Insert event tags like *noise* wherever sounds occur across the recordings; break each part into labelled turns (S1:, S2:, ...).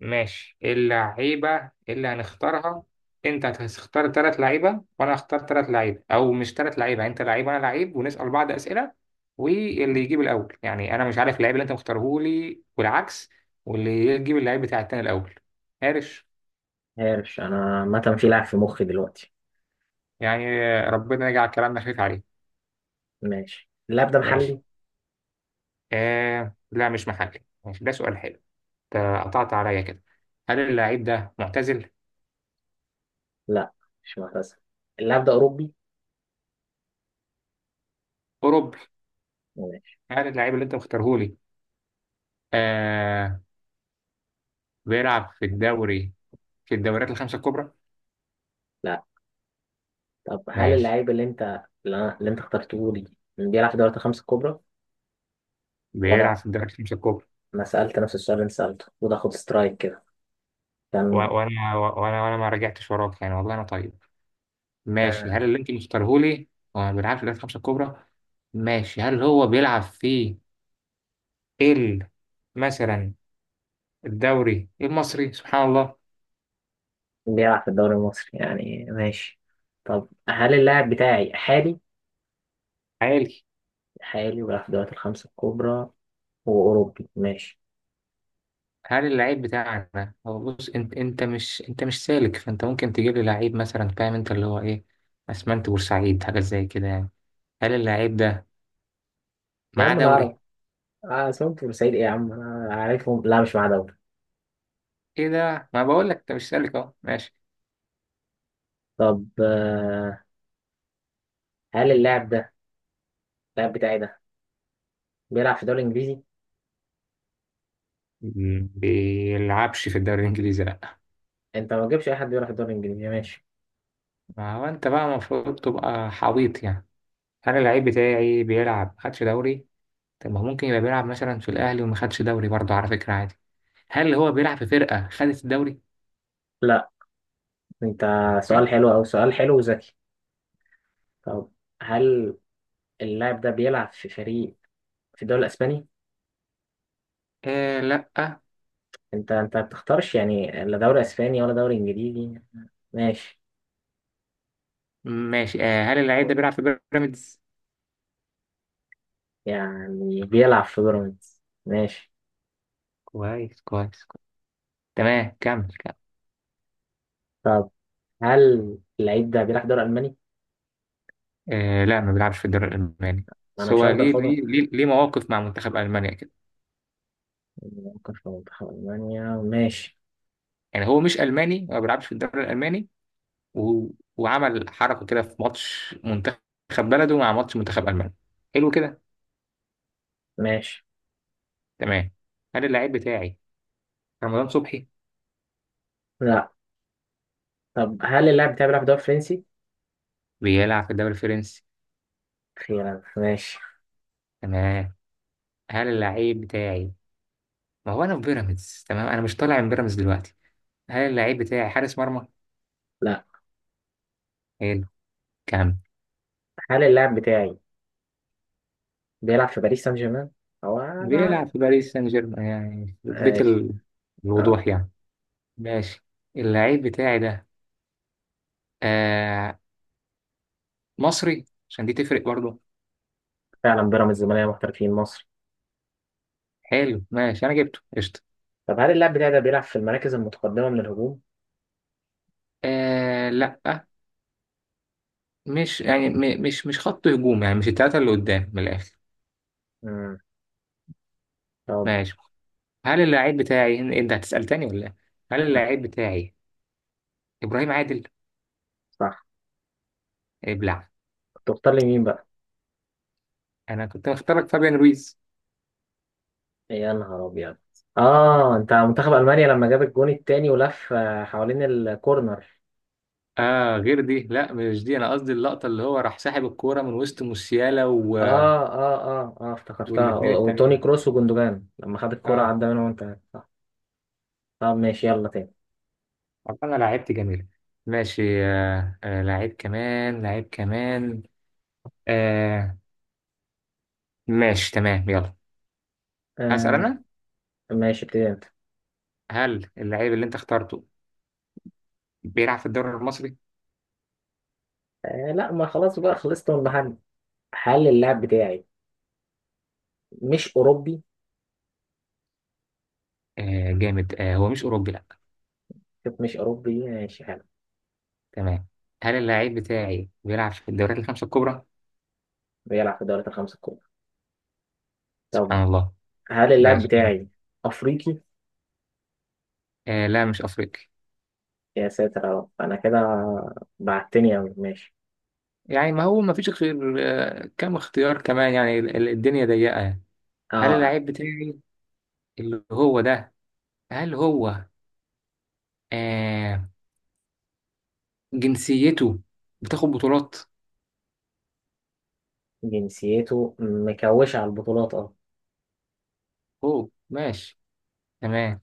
S1: ماشي، اللعيبة اللي هنختارها. انت هتختار تلات لعيبة وانا هختار تلات لعيبة، او مش تلات لعيبة، انت لعيب وانا لعيب ونسأل بعض اسئلة. واللي يجيب الاول، يعني انا مش عارف اللعيب اللي انت مختاره لي والعكس. واللي يجيب اللعيب بتاع التاني الاول. عارف
S2: عارف، انا عامه في لاعب في مخي دلوقتي.
S1: يعني. ربنا يجعل كلامنا خفيف عليه.
S2: ماشي، اللاعب ده
S1: ماشي.
S2: محلي؟
S1: آه لا، مش محلي. ماشي، ده سؤال حلو. انت قطعت عليا كده. هل اللعيب ده معتزل؟
S2: لا، مش معتزل. اللاعب ده اوروبي
S1: اوروبي.
S2: ماشي.
S1: هل اللعيب اللي انت مختاره لي، آه، بيلعب في الدوري، في الدوريات الخمسة الكبرى؟
S2: لا. طب هل
S1: ماشي،
S2: اللاعب اللي انت اخترته لي بيلعب في دوري الخمسة الكبرى؟
S1: بيلعب
S2: ولا؟
S1: في الدوريات الخمسة الكبرى.
S2: انا سألت نفس السؤال اللي انت سألته وده خد سترايك كده
S1: و-
S2: كان.
S1: وأنا وأنا وأنا ما رجعتش وراك يعني، والله أنا طيب. ماشي،
S2: آه،
S1: هل اللي أنت مختاره لي هو ما بيلعبش في الدوريات الخمسة الكبرى؟ ماشي، هل هو بيلعب في ال مثلا الدوري المصري؟ سبحان الله.
S2: بيلعب في الدوري المصري يعني ماشي. طب هل اللاعب بتاعي حالي؟
S1: عالي.
S2: حالي وبيلعب في دوري الخمسة الكبرى وأوروبي ماشي.
S1: هل اللعيب بتاعنا هو، بص، انت مش سالك، فانت ممكن تجيب لي لعيب مثلا، فاهم، انت اللي هو ايه، اسمنت بورسعيد حاجه زي كده يعني. هل اللعيب ده
S2: يا
S1: معاه
S2: عم
S1: دوري؟
S2: العرب، آه سمعت بورسعيد ايه يا عم، انا عارفهم. لا مش معاه دوري.
S1: ايه ده، ما بقول لك انت مش سالك اهو. ماشي.
S2: طب هل اللاعب بتاعي ده بيلعب في الدوري الانجليزي؟
S1: بيلعبش في الدوري الانجليزي لا.
S2: انت ما تجيبش اي حد بيلعب في الدوري الانجليزي ماشي.
S1: ما هو انت بقى المفروض تبقى حويط يعني. انا اللعيب بتاعي بيلعب، ما خدش دوري. طب ما هو ممكن يبقى بيلعب مثلا في الاهلي وما خدش دوري برضه على فكره، عادي. هل هو بيلعب في فرقه خدت الدوري؟
S2: لا. انت
S1: مم.
S2: سؤال حلو او سؤال حلو وذكي. طب هل اللاعب ده بيلعب في فريق في الدوري الاسباني؟
S1: آه لا.
S2: انت ما بتختارش يعني لا دوري اسباني ولا دوري انجليزي ماشي.
S1: ماشي آه، هل اللعيب ده بيلعب في بيراميدز؟
S2: يعني بيلعب في بيراميدز ماشي.
S1: كويس كويس كويس. تمام، كمل كمل.
S2: طب هل اللعيب ده بيلعب في الدوري الالماني؟
S1: آه لا، ما بيلعبش في الدوري الالماني.
S2: ما انا
S1: بس
S2: مش
S1: هو
S2: هفضل
S1: ليه
S2: خدهم.
S1: ليه ليه ليه مواقف مع منتخب المانيا كده
S2: ممكن في منتخب المانيا ماشي
S1: يعني، هو مش الماني، هو ما بيلعبش في الدوري الالماني و... وعمل حركة كده في ماتش منتخب بلده مع ماتش منتخب ألمانيا. حلو كده.
S2: ماشي.
S1: تمام. هل اللعيب بتاعي رمضان صبحي؟
S2: لا. طب هل اللاعب بتاعي بيلعب في الدوري الفرنسي؟
S1: بيلعب في الدوري الفرنسي.
S2: أخيرا ماشي.
S1: تمام. هل اللعيب بتاعي، ما هو أنا في بيراميدز تمام، أنا مش طالع من بيراميدز دلوقتي، هل اللعيب بتاعي حارس مرمى؟
S2: لا.
S1: حلو. كام.
S2: هل اللاعب بتاعي بيلعب في باريس سان جيرمان؟ هو أنا
S1: بيلعب في باريس سان جيرمان يعني
S2: ماشي. أه.
S1: الوضوح يعني. ماشي، اللعيب بتاعي ده، آه، مصري، عشان دي تفرق برضه.
S2: فعلا بيراميدز زمالية محترفين مصر.
S1: حلو، ماشي، أنا جبته قشطة.
S2: طب هل اللاعب بتاعي ده بيلعب في المراكز المتقدمة من الهجوم؟
S1: آه لا، مش يعني، مش خط هجوم يعني، مش التلاتة اللي قدام من الآخر.
S2: مم. طب.
S1: ماشي، هل اللاعب بتاعي أنت هتسأل تاني ولا إيه؟ هل
S2: لا.
S1: اللاعب بتاعي إبراهيم عادل؟
S2: صح
S1: ابلع.
S2: تختار لي مين بقى؟
S1: أنا كنت مختارك فابيان رويز.
S2: يا نهار أبيض آه أنت منتخب ألمانيا لما جاب الجون التاني ولف آه، حوالين الكورنر
S1: آه غير دي، لا مش دي، أنا قصدي اللقطة اللي هو راح ساحب الكورة من وسط موسيالا
S2: آه آه آه آه افتكرتها
S1: والاتنين
S2: و- وتوني
S1: التانيين.
S2: كروس وجندوجان لما خد الكرة
S1: آه.
S2: عدى منهم وأنت صح طب ماشي يلا تاني
S1: طب أنا لعبت جميل. ماشي، آه آه، لعيب كمان لعيب كمان. آه. ماشي تمام، يلا. هسأل
S2: آه
S1: أنا.
S2: ماشي ابتدي انت
S1: هل اللعيب اللي أنت اخترته بيلعب في الدوري المصري؟
S2: آه لا ما خلاص بقى خلصت من المحل حل اللاعب بتاعي مش اوروبي
S1: آه جامد، آه هو مش أوروبي لأ.
S2: شوف مش اوروبي ماشي حلو
S1: تمام. هل اللاعب بتاعي بيلعب في الدوريات الخمسة الكبرى؟
S2: بيلعب في الدوريات الخمسة الكبرى طب
S1: سبحان الله.
S2: هل اللاعب
S1: ماشي.
S2: بتاعي افريقي
S1: آه لا، مش أفريقي.
S2: يا ساتر يا رب انا كده بعتني اوي ماشي
S1: يعني ما هو ما فيش غير، آه كم اختيار كمان يعني، الدنيا ضيقة يعني. هل
S2: اه
S1: اللاعب بتاعي اللي هو ده، هل هو، آه، جنسيته بتاخد بطولات؟
S2: جنسيته مكوشة على البطولات اه
S1: أوه ماشي. تمام.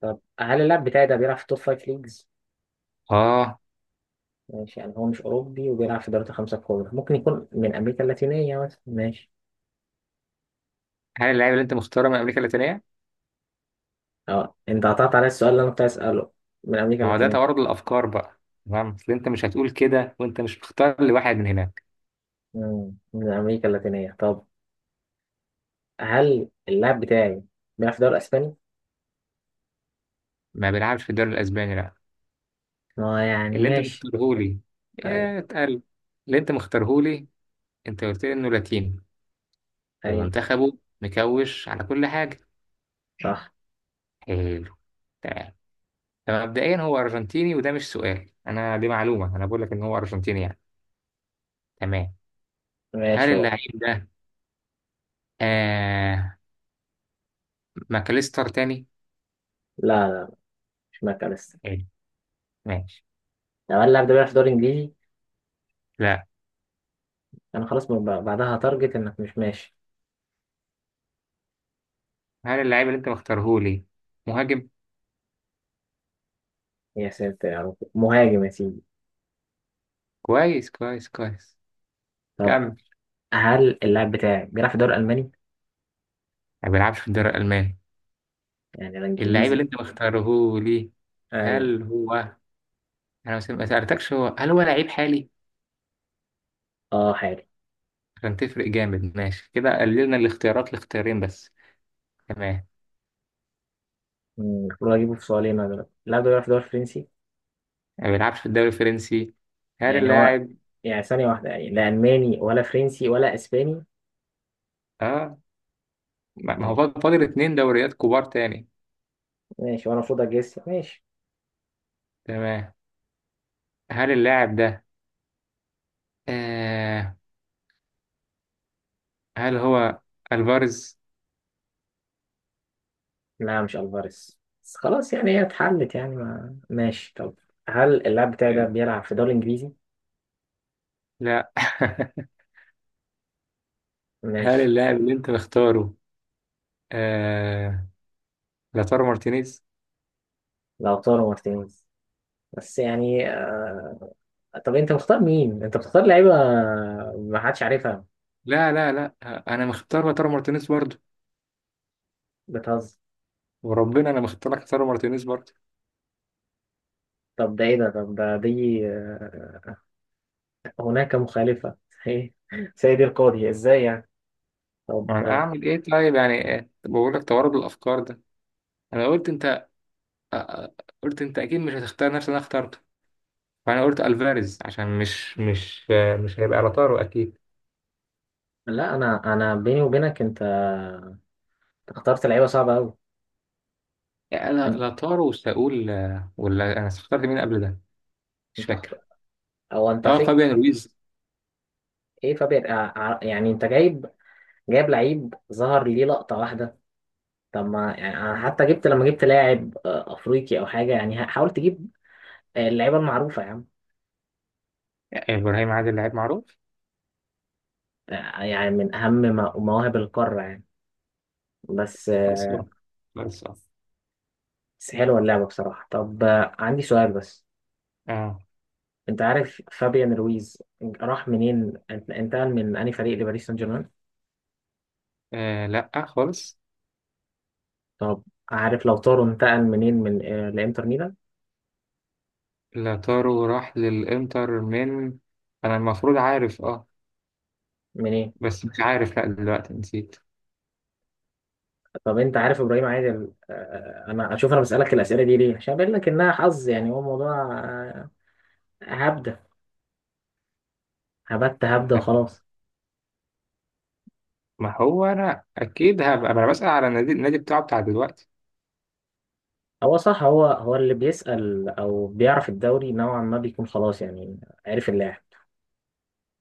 S2: طب هل اللاعب بتاعي ده بيلعب في توب فايف ليجز
S1: آه.
S2: ماشي يعني هو مش اوروبي وبيلعب في الدوريات الخمسة الكبرى ممكن يكون من امريكا اللاتينية مثلا ماشي
S1: هل اللاعب اللي أنت مختاره من أمريكا اللاتينية؟
S2: اه انت قطعت على السؤال اللي انا كنت عايز اساله من امريكا
S1: ما هو ده
S2: اللاتينية
S1: توارد الأفكار بقى. تمام، أصل أنت مش هتقول كده وأنت مش مختار لواحد من هنا.
S2: مم. من أمريكا اللاتينية طب هل اللاعب بتاعي بيلعب في الدوري الأسباني؟
S1: ما بيلعبش في الدوري الاسباني لا.
S2: ما يعني
S1: اللي انت
S2: ماشي
S1: مختارهولي،
S2: أيوه
S1: يا اتقل. اللي انت مختارهولي، انت قلت لي انه لاتيني،
S2: أيوه
S1: ومنتخبه مكوش على كل حاجه.
S2: صح.
S1: حلو. تمام. فمبدئيا هو ارجنتيني، وده مش سؤال، انا دي معلومه انا بقول لك ان هو ارجنتيني يعني. تمام. هل
S2: ماشي، هو.
S1: اللعيب ده، آه، ماكاليستر تاني؟
S2: لا لا، مش مكة لسه.
S1: حلو. ماشي.
S2: لو هل اللاعب ده بيلعب في الدوري الإنجليزي؟
S1: لا.
S2: أنا خلاص بعدها هتارجت إنك مش ماشي.
S1: هل اللعيب اللي انت مختارهولي مهاجم؟
S2: يا ساتر يا رب، مهاجم يا سيدي.
S1: كويس كويس كويس.
S2: طب
S1: كمل.
S2: هل اللاعب بتاعي بيلعب في الدوري الألماني؟
S1: ما بيلعبش في الدوري الالماني.
S2: يعني أنا
S1: اللعيب اللي
S2: إنجليزي.
S1: انت مختاره لي،
S2: أيوه.
S1: هل هو، ما سألتكش، هو هل هو لعيب حالي؟
S2: أه حالي.
S1: عشان تفرق جامد. ماشي، كده قللنا الاختيارات لاختيارين بس. تمام.
S2: المفروض أجيبه في سؤالين أنا دلوقتي، اللاعب ده بيلعب في الدوري الفرنسي.
S1: ما بيلعبش في الدوري الفرنسي. هل
S2: يعني هو،
S1: اللاعب.
S2: يعني ثانية واحدة، يعني لا ألماني ولا فرنسي ولا إسباني.
S1: اه ما هو فاضل اتنين دوريات كبار تاني.
S2: ماشي، وانا المفروض اجس ماشي.
S1: تمام. هل اللاعب ده، آه، هل هو الفارز؟
S2: لا مش الفاريز، بس خلاص يعني هي اتحلت يعني ما... ماشي طب هل اللاعب بتاعي ده بيلعب في الدوري الانجليزي؟
S1: لا. *laughs* هل
S2: ماشي.
S1: اللاعب اللي انت مختاره، آه، لاتارو مارتينيز؟
S2: لوتارو مارتينيز. بس يعني. طب انت مختار مين، انت بتختار لعيبه ما حدش عارفها؟
S1: لا لا لا، انا مختار لاتارو مارتينيز برضه.
S2: بتهزر.
S1: وربنا انا ما اخترت لك خساره مارتينيز برضه.
S2: طب ده ايه ده، طب ده دي هناك مخالفه *laughs* ايه. سيدي القاضي ازاي يعني.
S1: ما
S2: طب
S1: انا اعمل ايه طيب يعني، ايه، طب بقول لك توارد الافكار ده. انا قلت انت، آه، قلت انت اكيد مش هتختار نفس اللي انا اخترته، فانا قلت الفاريز عشان مش مش هيبقى لاتارو اكيد.
S2: لا، انا بيني وبينك انت اخترت لعيبه صعبه قوي.
S1: يعني انا لاتارو وساقول ولا انا اخترت مين قبل ده مش
S2: انت
S1: فاكر.
S2: اخترت او انت
S1: اه
S2: فك.
S1: فابيان رويز.
S2: ايه فابير يعني انت جايب لعيب ظهر ليه لقطة واحدة. طب ما يعني أنا حتى جبت لما جبت لاعب افريقي او حاجة، يعني حاول تجيب اللعيبة المعروفة يا عم.
S1: ابراهيم عادل لعيب معروف.
S2: يعني من اهم مواهب القارة يعني. بس
S1: خلاص آه. خلاص آه.
S2: بس حلوة اللعبة بصراحة. طب عندي سؤال بس.
S1: آه.
S2: انت عارف فابيان رويز راح منين، انتقل من انهي فريق لباريس سان جيرمان؟
S1: اه لا خالص.
S2: طب عارف لو طارو انتقل منين، من لانتر ميلان؟
S1: لاتارو راح للانتر من، انا المفروض عارف اه،
S2: منين؟
S1: بس مش عارف لا دلوقتي نسيت.
S2: طب انت عارف ابراهيم عادل. انا اشوف، انا بسالك الاسئله دي ليه عشان بقول لك انها حظ، يعني هو موضوع. هبده. هبده وخلاص.
S1: ما هو انا اكيد هبقى، ما انا بسأل على النادي، النادي بتاعه بتاع دلوقتي.
S2: هو صح، هو اللي بيسال او بيعرف الدوري نوعا ما بيكون خلاص يعني. عارف اللاعب